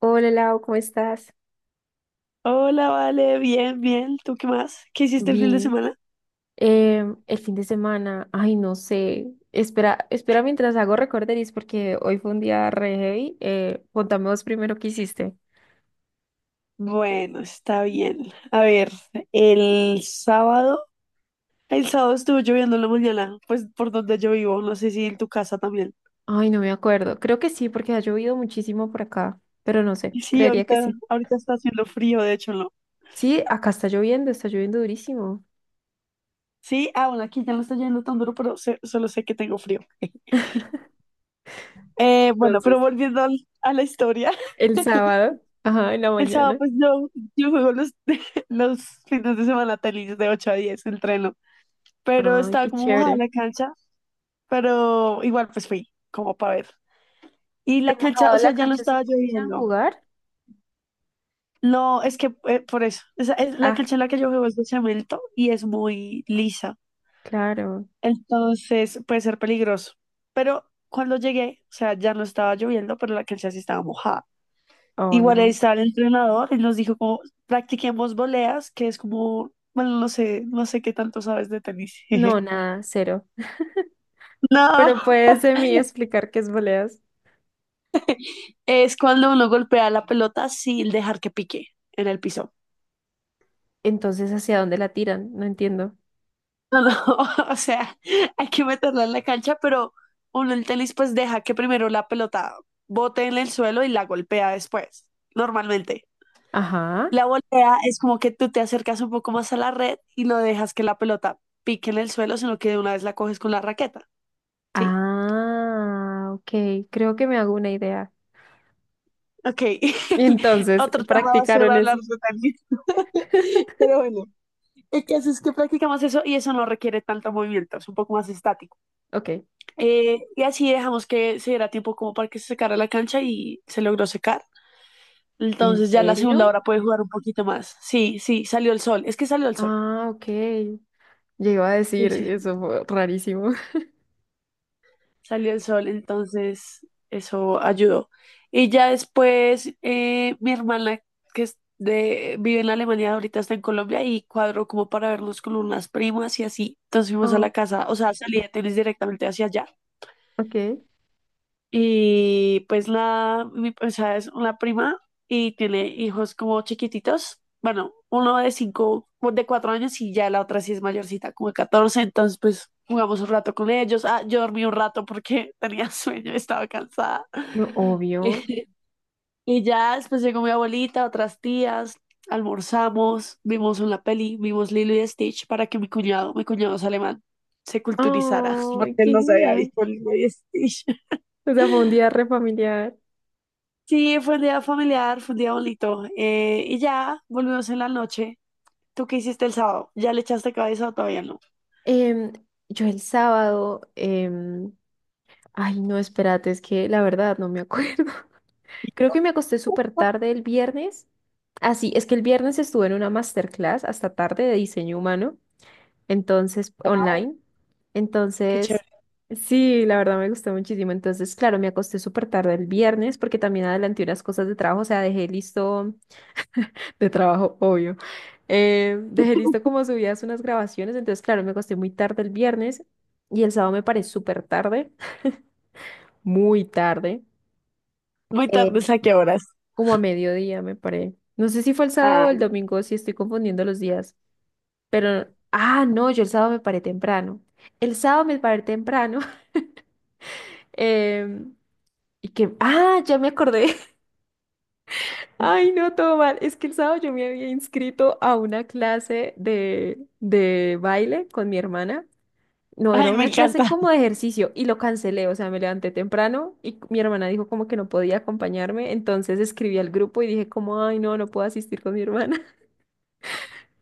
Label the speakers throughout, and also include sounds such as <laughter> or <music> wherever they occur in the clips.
Speaker 1: Hola Lau, ¿cómo estás?
Speaker 2: Hola, vale, bien, bien. ¿Tú qué más? ¿Qué hiciste el fin de
Speaker 1: Bien,
Speaker 2: semana?
Speaker 1: el fin de semana, ay, no sé, espera, espera mientras hago recorderis porque hoy fue un día re heavy. Contame vos primero qué hiciste.
Speaker 2: Bueno, está bien. A ver, el sábado, el sábado estuvo lloviendo en la mañana, pues por donde yo vivo, no sé si en tu casa también.
Speaker 1: Ay, no me acuerdo, creo que sí porque ha llovido muchísimo por acá, pero no sé,
Speaker 2: Y sí,
Speaker 1: creería que
Speaker 2: ahorita,
Speaker 1: sí.
Speaker 2: ahorita está haciendo frío, de hecho, no.
Speaker 1: Sí, acá está lloviendo durísimo.
Speaker 2: Sí, ah, bueno, aquí ya no está lloviendo tan duro, pero solo sé que tengo frío. Bueno, pero
Speaker 1: Entonces,
Speaker 2: volviendo a la historia, <laughs>
Speaker 1: el sábado, ajá, en la
Speaker 2: el sábado
Speaker 1: mañana.
Speaker 2: pues yo juego los, <laughs> los fines de semana tenis de 8 a 10, entreno, pero
Speaker 1: Ay,
Speaker 2: estaba
Speaker 1: qué
Speaker 2: como mojada
Speaker 1: chévere.
Speaker 2: la cancha, pero igual pues fui como para ver. Y
Speaker 1: ¿Te
Speaker 2: la cancha, o
Speaker 1: mojado
Speaker 2: sea,
Speaker 1: la
Speaker 2: ya no
Speaker 1: cancha si
Speaker 2: estaba
Speaker 1: pudieran
Speaker 2: lloviendo.
Speaker 1: jugar?
Speaker 2: No, es que por eso, la
Speaker 1: Ah,
Speaker 2: cancha en la que yo juego es de cemento y es muy lisa,
Speaker 1: claro.
Speaker 2: entonces puede ser peligroso. Pero cuando llegué, o sea, ya no estaba lloviendo, pero la cancha sí estaba mojada.
Speaker 1: Oh,
Speaker 2: Igual ahí
Speaker 1: no.
Speaker 2: estaba el entrenador y nos dijo como practiquemos voleas, que es como, bueno, no sé, no sé qué tanto sabes de tenis.
Speaker 1: No,
Speaker 2: <laughs>
Speaker 1: nada, cero.
Speaker 2: No,
Speaker 1: Pero puedes de mí explicar qué es voleas.
Speaker 2: es cuando uno golpea la pelota sin dejar que pique en el piso.
Speaker 1: Entonces, ¿hacia dónde la tiran? No entiendo.
Speaker 2: No, no, <laughs> o sea, hay que meterla en la cancha, pero uno el tenis pues deja que primero la pelota bote en el suelo y la golpea después, normalmente.
Speaker 1: Ajá.
Speaker 2: La volea es como que tú te acercas un poco más a la red y no dejas que la pelota pique en el suelo, sino que de una vez la coges con la raqueta, ¿sí?
Speaker 1: Ah, ok. Creo que me hago una idea.
Speaker 2: Ok,
Speaker 1: Y
Speaker 2: <laughs>
Speaker 1: entonces,
Speaker 2: otro tema va a ser
Speaker 1: practicaron
Speaker 2: hablar
Speaker 1: eso.
Speaker 2: de tenis. <laughs>
Speaker 1: <laughs>
Speaker 2: Pero bueno, el caso es que practicamos eso y eso no requiere tanto movimiento, es un poco más estático.
Speaker 1: Ok.
Speaker 2: Y así dejamos que se diera tiempo como para que se secara la cancha y se logró secar.
Speaker 1: ¿En
Speaker 2: Entonces ya la segunda
Speaker 1: serio?
Speaker 2: hora puede jugar un poquito más. Sí, sí, salió el sol. Es que salió el sol.
Speaker 1: Ah, ok. Yo iba a
Speaker 2: Sí,
Speaker 1: decir,
Speaker 2: sí,
Speaker 1: eso
Speaker 2: sí,
Speaker 1: fue rarísimo. <laughs>
Speaker 2: salió el sol. Entonces eso ayudó. Y ya después mi hermana que es de, vive en Alemania, ahorita está en Colombia y cuadró como para vernos con unas primas y así. Entonces fuimos a
Speaker 1: Oh,
Speaker 2: la casa, o sea, salí de tenis directamente hacia allá.
Speaker 1: ok.
Speaker 2: Y pues nada, mi, o sea, es una prima y tiene hijos como chiquititos. Bueno, uno de 5, o de 4 años y ya la otra sí es mayorcita, como de 14. Entonces, pues jugamos un rato con ellos. Ah, yo dormí un rato porque <laughs> tenía sueño, estaba cansada.
Speaker 1: No,
Speaker 2: <laughs> Y
Speaker 1: obvio.
Speaker 2: y ya después llegó mi abuelita, otras tías, almorzamos, vimos una peli, vimos Lilo y Stitch para que mi cuñado es alemán, se culturizara, <laughs> porque
Speaker 1: Ay,
Speaker 2: él
Speaker 1: qué
Speaker 2: no se había
Speaker 1: genial.
Speaker 2: visto Lilo y Stitch.
Speaker 1: O sea, fue un día
Speaker 2: <laughs>
Speaker 1: re familiar.
Speaker 2: Sí, fue un día familiar, fue un día bonito. Y ya volvimos en la noche. ¿Tú qué hiciste el sábado? ¿Ya le echaste cabeza o todavía no?
Speaker 1: Em, yo el sábado, ay, no, espérate, es que la verdad no me <laughs> acuerdo. Creo que me acosté súper tarde el viernes. Así, es que el viernes estuve en una masterclass hasta tarde de diseño humano, entonces,
Speaker 2: Wow,
Speaker 1: online.
Speaker 2: qué
Speaker 1: Entonces,
Speaker 2: chévere.
Speaker 1: sí, la verdad me gustó muchísimo. Entonces, claro, me acosté súper tarde el viernes porque también adelanté unas cosas de trabajo, o sea, dejé listo de trabajo, obvio. Dejé listo como subidas unas grabaciones, entonces, claro, me acosté muy tarde el viernes y el sábado me paré súper tarde, <laughs> muy tarde.
Speaker 2: Muy tarde, ¿a qué horas?
Speaker 1: Como a mediodía, me paré. No sé si fue el sábado
Speaker 2: Ah,
Speaker 1: o el domingo, si estoy confundiendo los días, pero, ah, no, yo el sábado me paré temprano. El sábado me paré temprano. <laughs> em, y que, ah, ya me acordé. <laughs> Ay, no, todo mal. Es que el sábado yo me había inscrito a una clase de baile con mi hermana. No, era
Speaker 2: ay, me
Speaker 1: una clase
Speaker 2: encanta.
Speaker 1: como de ejercicio y lo cancelé, o sea, me levanté temprano y mi hermana dijo como que no podía acompañarme, entonces escribí al grupo y dije como, ay, no, no puedo asistir con mi hermana.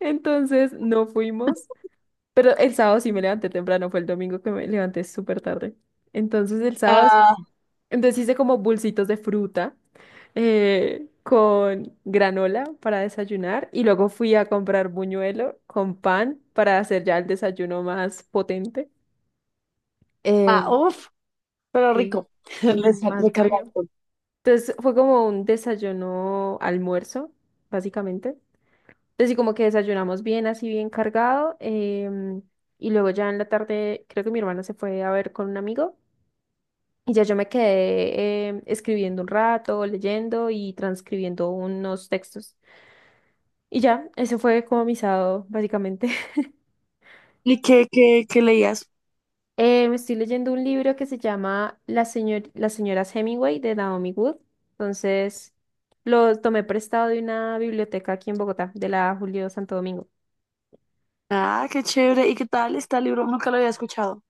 Speaker 1: Entonces no fuimos, pero el sábado sí me levanté temprano, fue el domingo que me levanté súper tarde. Entonces el sábado, sí-
Speaker 2: Ah,
Speaker 1: entonces hice como bolsitos de fruta con granola para desayunar y luego fui a comprar buñuelo con pan para hacer ya el desayuno más potente. Eh,
Speaker 2: ah, uf, pero
Speaker 1: sí,
Speaker 2: rico. <laughs>
Speaker 1: sí, más bueno.
Speaker 2: Recargado.
Speaker 1: Entonces fue como un desayuno almuerzo, básicamente. Entonces, sí, como que desayunamos bien, así bien cargado. em, y luego ya en la tarde, creo que mi hermana se fue a ver con un amigo. Y ya yo me quedé escribiendo un rato, leyendo y transcribiendo unos textos. Y ya, ese fue como mi sábado, básicamente. <laughs>
Speaker 2: ¿Y qué, qué, qué leías?
Speaker 1: Me estoy leyendo un libro que se llama La señor Las señoras Hemingway de Naomi Wood. Entonces, lo tomé prestado de una biblioteca aquí en Bogotá, de la Julio Santo Domingo.
Speaker 2: Ah, qué chévere. ¿Y qué tal este libro? Nunca lo había escuchado.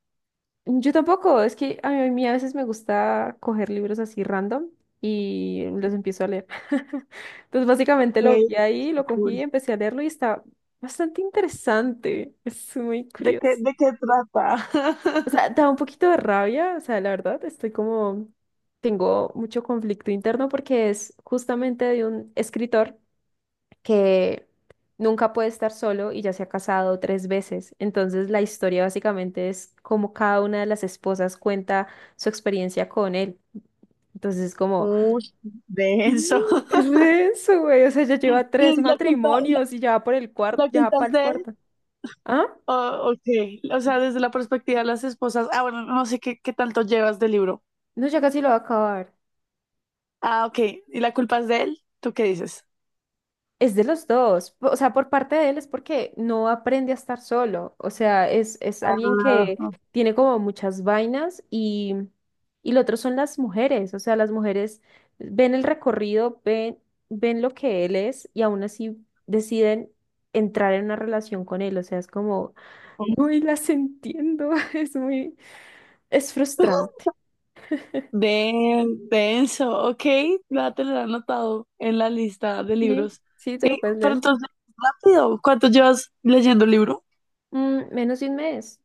Speaker 1: Yo tampoco, es que a mí a veces me gusta coger libros así random y los empiezo a leer. <laughs> Entonces básicamente lo
Speaker 2: Qué
Speaker 1: vi ahí, lo cogí,
Speaker 2: cool.
Speaker 1: empecé a leerlo y está bastante interesante. Es muy curioso.
Speaker 2: De qué trata?
Speaker 1: O sea, da un poquito de rabia, o sea, la verdad, estoy como, tengo mucho conflicto interno porque es justamente de un escritor que nunca puede estar solo y ya se ha casado tres veces. Entonces la historia básicamente es cómo cada una de las esposas cuenta su experiencia con él. Entonces es
Speaker 2: <laughs>
Speaker 1: como,
Speaker 2: Uy, denso.
Speaker 1: "Mm, es re
Speaker 2: <laughs>
Speaker 1: denso, güey. O sea, ya lleva
Speaker 2: Y
Speaker 1: tres
Speaker 2: la culpa,
Speaker 1: matrimonios y ya va por el cuarto,
Speaker 2: la
Speaker 1: ya va
Speaker 2: culpas
Speaker 1: para el
Speaker 2: de,
Speaker 1: cuarto. ¿Ah?
Speaker 2: oh, ok, o sea, desde la perspectiva de las esposas, ah, bueno, no sé qué, qué tanto llevas del libro.
Speaker 1: No, ya casi lo va a acabar.
Speaker 2: Ah, ok, ¿y la culpa es de él? ¿Tú qué dices?
Speaker 1: Es de los dos, po- o sea, por parte de él es porque no aprende a estar solo, o sea, es alguien
Speaker 2: Ah,
Speaker 1: que tiene como muchas vainas y lo otro son las mujeres, o sea, las mujeres ven el recorrido, ven lo que él es y aún así deciden entrar en una relación con él, o sea, es como, no y las entiendo, <laughs> es muy, es frustrante,
Speaker 2: de, denso, ok, la te lo he anotado en la lista de
Speaker 1: sí,
Speaker 2: libros.
Speaker 1: sí, te
Speaker 2: Eh,
Speaker 1: lo puedes
Speaker 2: pero
Speaker 1: leer.
Speaker 2: entonces, rápido, ¿cuánto llevas leyendo el libro?
Speaker 1: Mm, menos de un mes,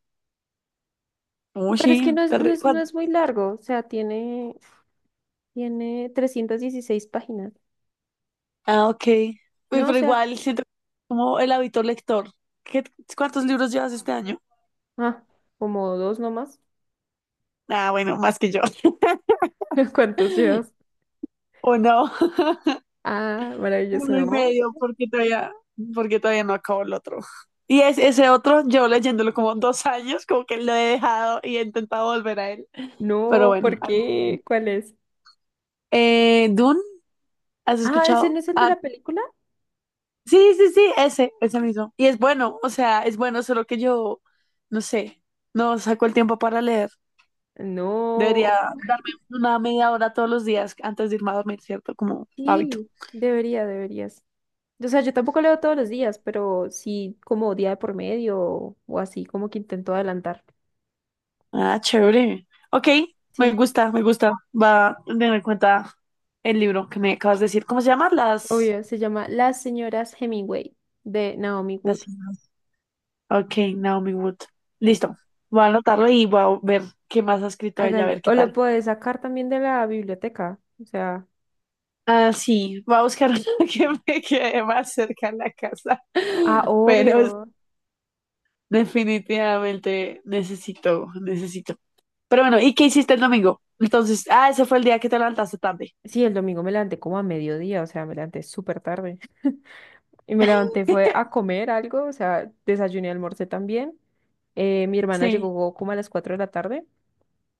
Speaker 2: Uy,
Speaker 1: pero es
Speaker 2: sí,
Speaker 1: que no es muy largo, o sea, tiene... Tiene 316 páginas.
Speaker 2: ah, ok. Uy,
Speaker 1: No, o
Speaker 2: pero
Speaker 1: sea,
Speaker 2: igual siento como el hábito lector. ¿Qué, cuántos libros llevas este año?
Speaker 1: ah, como dos nomás.
Speaker 2: Ah, bueno, más que yo.
Speaker 1: <laughs> ¿Cuántos llevas?
Speaker 2: <laughs> O no, <laughs>
Speaker 1: Ah, maravilloso,
Speaker 2: uno y
Speaker 1: no.
Speaker 2: medio, porque todavía no acabo el otro. Y es ese otro, yo leyéndolo como dos años, como que lo he dejado y he intentado volver a él. Pero
Speaker 1: No,
Speaker 2: bueno,
Speaker 1: ¿por
Speaker 2: algún día.
Speaker 1: qué? ¿Cuál es?
Speaker 2: Dune, ¿has
Speaker 1: Ah, ¿ese
Speaker 2: escuchado?
Speaker 1: no es el de
Speaker 2: Ah,
Speaker 1: la película?
Speaker 2: sí, sí, sí, ese mismo. Y es bueno, o sea, es bueno, solo que yo, no sé, no saco el tiempo para leer.
Speaker 1: No.
Speaker 2: Debería darme una media 1/2 hora todos los días antes de irme a dormir, ¿cierto? Como hábito.
Speaker 1: Sí, debería, deberías. O sea, yo tampoco leo todos los días, pero sí como día de por medio o así, como que intento adelantar.
Speaker 2: Ah, chévere. Ok, me
Speaker 1: Sí,
Speaker 2: gusta, me gusta. Va a tener en cuenta el libro que me acabas de decir. ¿Cómo se llama?
Speaker 1: obvio, se llama Las señoras Hemingway de Naomi
Speaker 2: Las...
Speaker 1: Wood.
Speaker 2: siglas. Ok, Naomi Wood.
Speaker 1: Mm,
Speaker 2: Listo. Voy a anotarlo y voy a ver qué más ha escrito ella, a
Speaker 1: hágale.
Speaker 2: ver qué
Speaker 1: O lo
Speaker 2: tal.
Speaker 1: puedes sacar también de la biblioteca. O sea,
Speaker 2: Ah, sí, voy a buscar <laughs> una que me quede más cerca de la casa.
Speaker 1: ah,
Speaker 2: Pero es-
Speaker 1: obvio.
Speaker 2: definitivamente necesito, necesito. Pero bueno, ¿y qué hiciste el domingo? Entonces, ah, ese fue el día que te levantaste tarde.
Speaker 1: Sí, el domingo me levanté como a mediodía, o sea, me levanté súper tarde. <laughs> Y me levanté fue a comer algo, o sea, desayuné, almorcé también. Mi hermana
Speaker 2: Sí.
Speaker 1: llegó como a las 4 de la tarde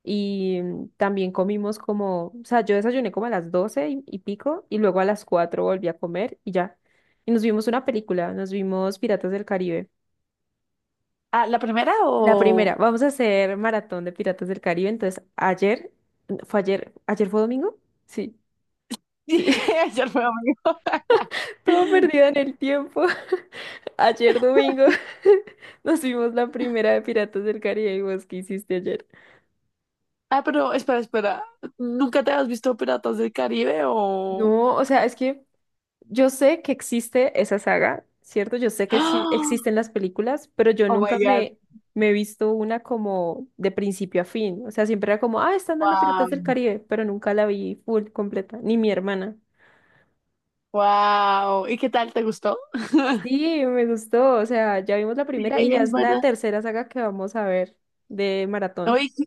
Speaker 1: y mm, también comimos como, o sea, yo desayuné como a las 12 y pico y luego a las 4 volví a comer y ya. Y nos vimos una película, nos vimos Piratas del Caribe.
Speaker 2: Ah, ¿la primera
Speaker 1: La primera,
Speaker 2: o...?
Speaker 1: vamos a hacer maratón de Piratas del Caribe. Entonces, ayer, fue ayer, ayer fue domingo, sí, sí.
Speaker 2: Sí, <laughs> ayer fue domingo.
Speaker 1: Todo perdido en el tiempo. <laughs> Ayer domingo <laughs> nos vimos la primera de Piratas del Caribe y vos, ¿qué hiciste ayer?
Speaker 2: Ah, pero espera, espera. ¿Nunca te has visto Piratas del Caribe o...?
Speaker 1: No, o sea, es que yo sé que existe esa saga, ¿cierto? Yo sé
Speaker 2: <gasps>
Speaker 1: que sí
Speaker 2: ¡Ah!
Speaker 1: existen las películas, pero yo
Speaker 2: Oh my
Speaker 1: nunca
Speaker 2: God,
Speaker 1: me he visto una como de principio a fin. O sea, siempre era como, ah, están dando
Speaker 2: wow,
Speaker 1: Piratas del Caribe, pero nunca la vi full, completa, ni mi hermana.
Speaker 2: wow. ¿Y qué tal? ¿Te gustó? <laughs>
Speaker 1: Sí, me gustó, o sea, ya vimos la
Speaker 2: Sí,
Speaker 1: primera y ya
Speaker 2: es
Speaker 1: es la
Speaker 2: buena.
Speaker 1: tercera saga que vamos a ver de maratón.
Speaker 2: Oye, ¿qué,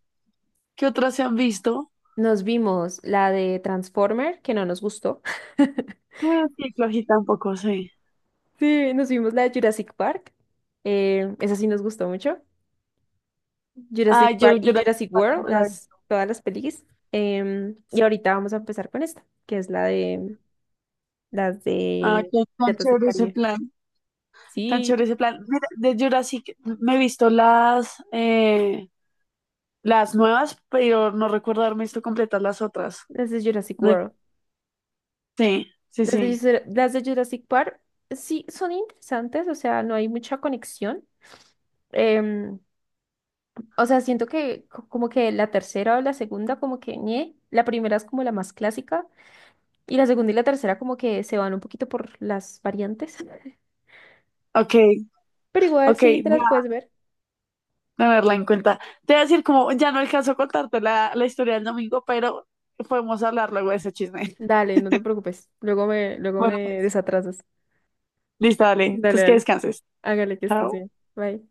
Speaker 2: qué otras se han visto?
Speaker 1: Nos vimos la de Transformer, que no nos gustó. <laughs>
Speaker 2: Bueno, sí, flojita un poco sí.
Speaker 1: Sí, nos vimos la de Jurassic Park. Esa sí nos gustó mucho.
Speaker 2: Ah,
Speaker 1: Jurassic Park
Speaker 2: yo,
Speaker 1: y
Speaker 2: Jurassic
Speaker 1: Jurassic
Speaker 2: Park no
Speaker 1: World,
Speaker 2: la he
Speaker 1: las,
Speaker 2: visto.
Speaker 1: todas las pelis. Y
Speaker 2: Sí.
Speaker 1: ahorita vamos a empezar con esta, que es la de las
Speaker 2: Ah,
Speaker 1: de
Speaker 2: qué tan
Speaker 1: Piratas del
Speaker 2: chévere ese
Speaker 1: Caribe.
Speaker 2: plan. Tan
Speaker 1: Sí,
Speaker 2: chévere ese plan. Mira, de Jurassic me he visto las nuevas, pero no recuerdo haberme visto completas las otras.
Speaker 1: las de Jurassic
Speaker 2: No,
Speaker 1: World.
Speaker 2: sí, sí,
Speaker 1: Las de,
Speaker 2: sí.
Speaker 1: Jura- las de Jurassic Park, sí, son interesantes, o sea, no hay mucha conexión. Em, O sea, siento que co- como que la tercera o la segunda como que ñe, la primera es como la más clásica y la segunda y la tercera como que se van un poquito por las variantes, <laughs>
Speaker 2: Ok,
Speaker 1: pero igual
Speaker 2: ok,
Speaker 1: sí te
Speaker 2: voy
Speaker 1: las puedes
Speaker 2: a
Speaker 1: ver.
Speaker 2: tenerla en cuenta. Te voy a decir, como ya no alcanzo a contarte la, la historia del domingo, pero podemos hablar luego de ese chisme. <laughs>
Speaker 1: Dale, no te preocupes. Luego
Speaker 2: Bueno,
Speaker 1: me
Speaker 2: pues,
Speaker 1: desatrasas.
Speaker 2: listo, dale.
Speaker 1: Dale,
Speaker 2: Entonces que
Speaker 1: dale.
Speaker 2: descanses.
Speaker 1: Hágale que estés
Speaker 2: Chao.
Speaker 1: bien. Bye.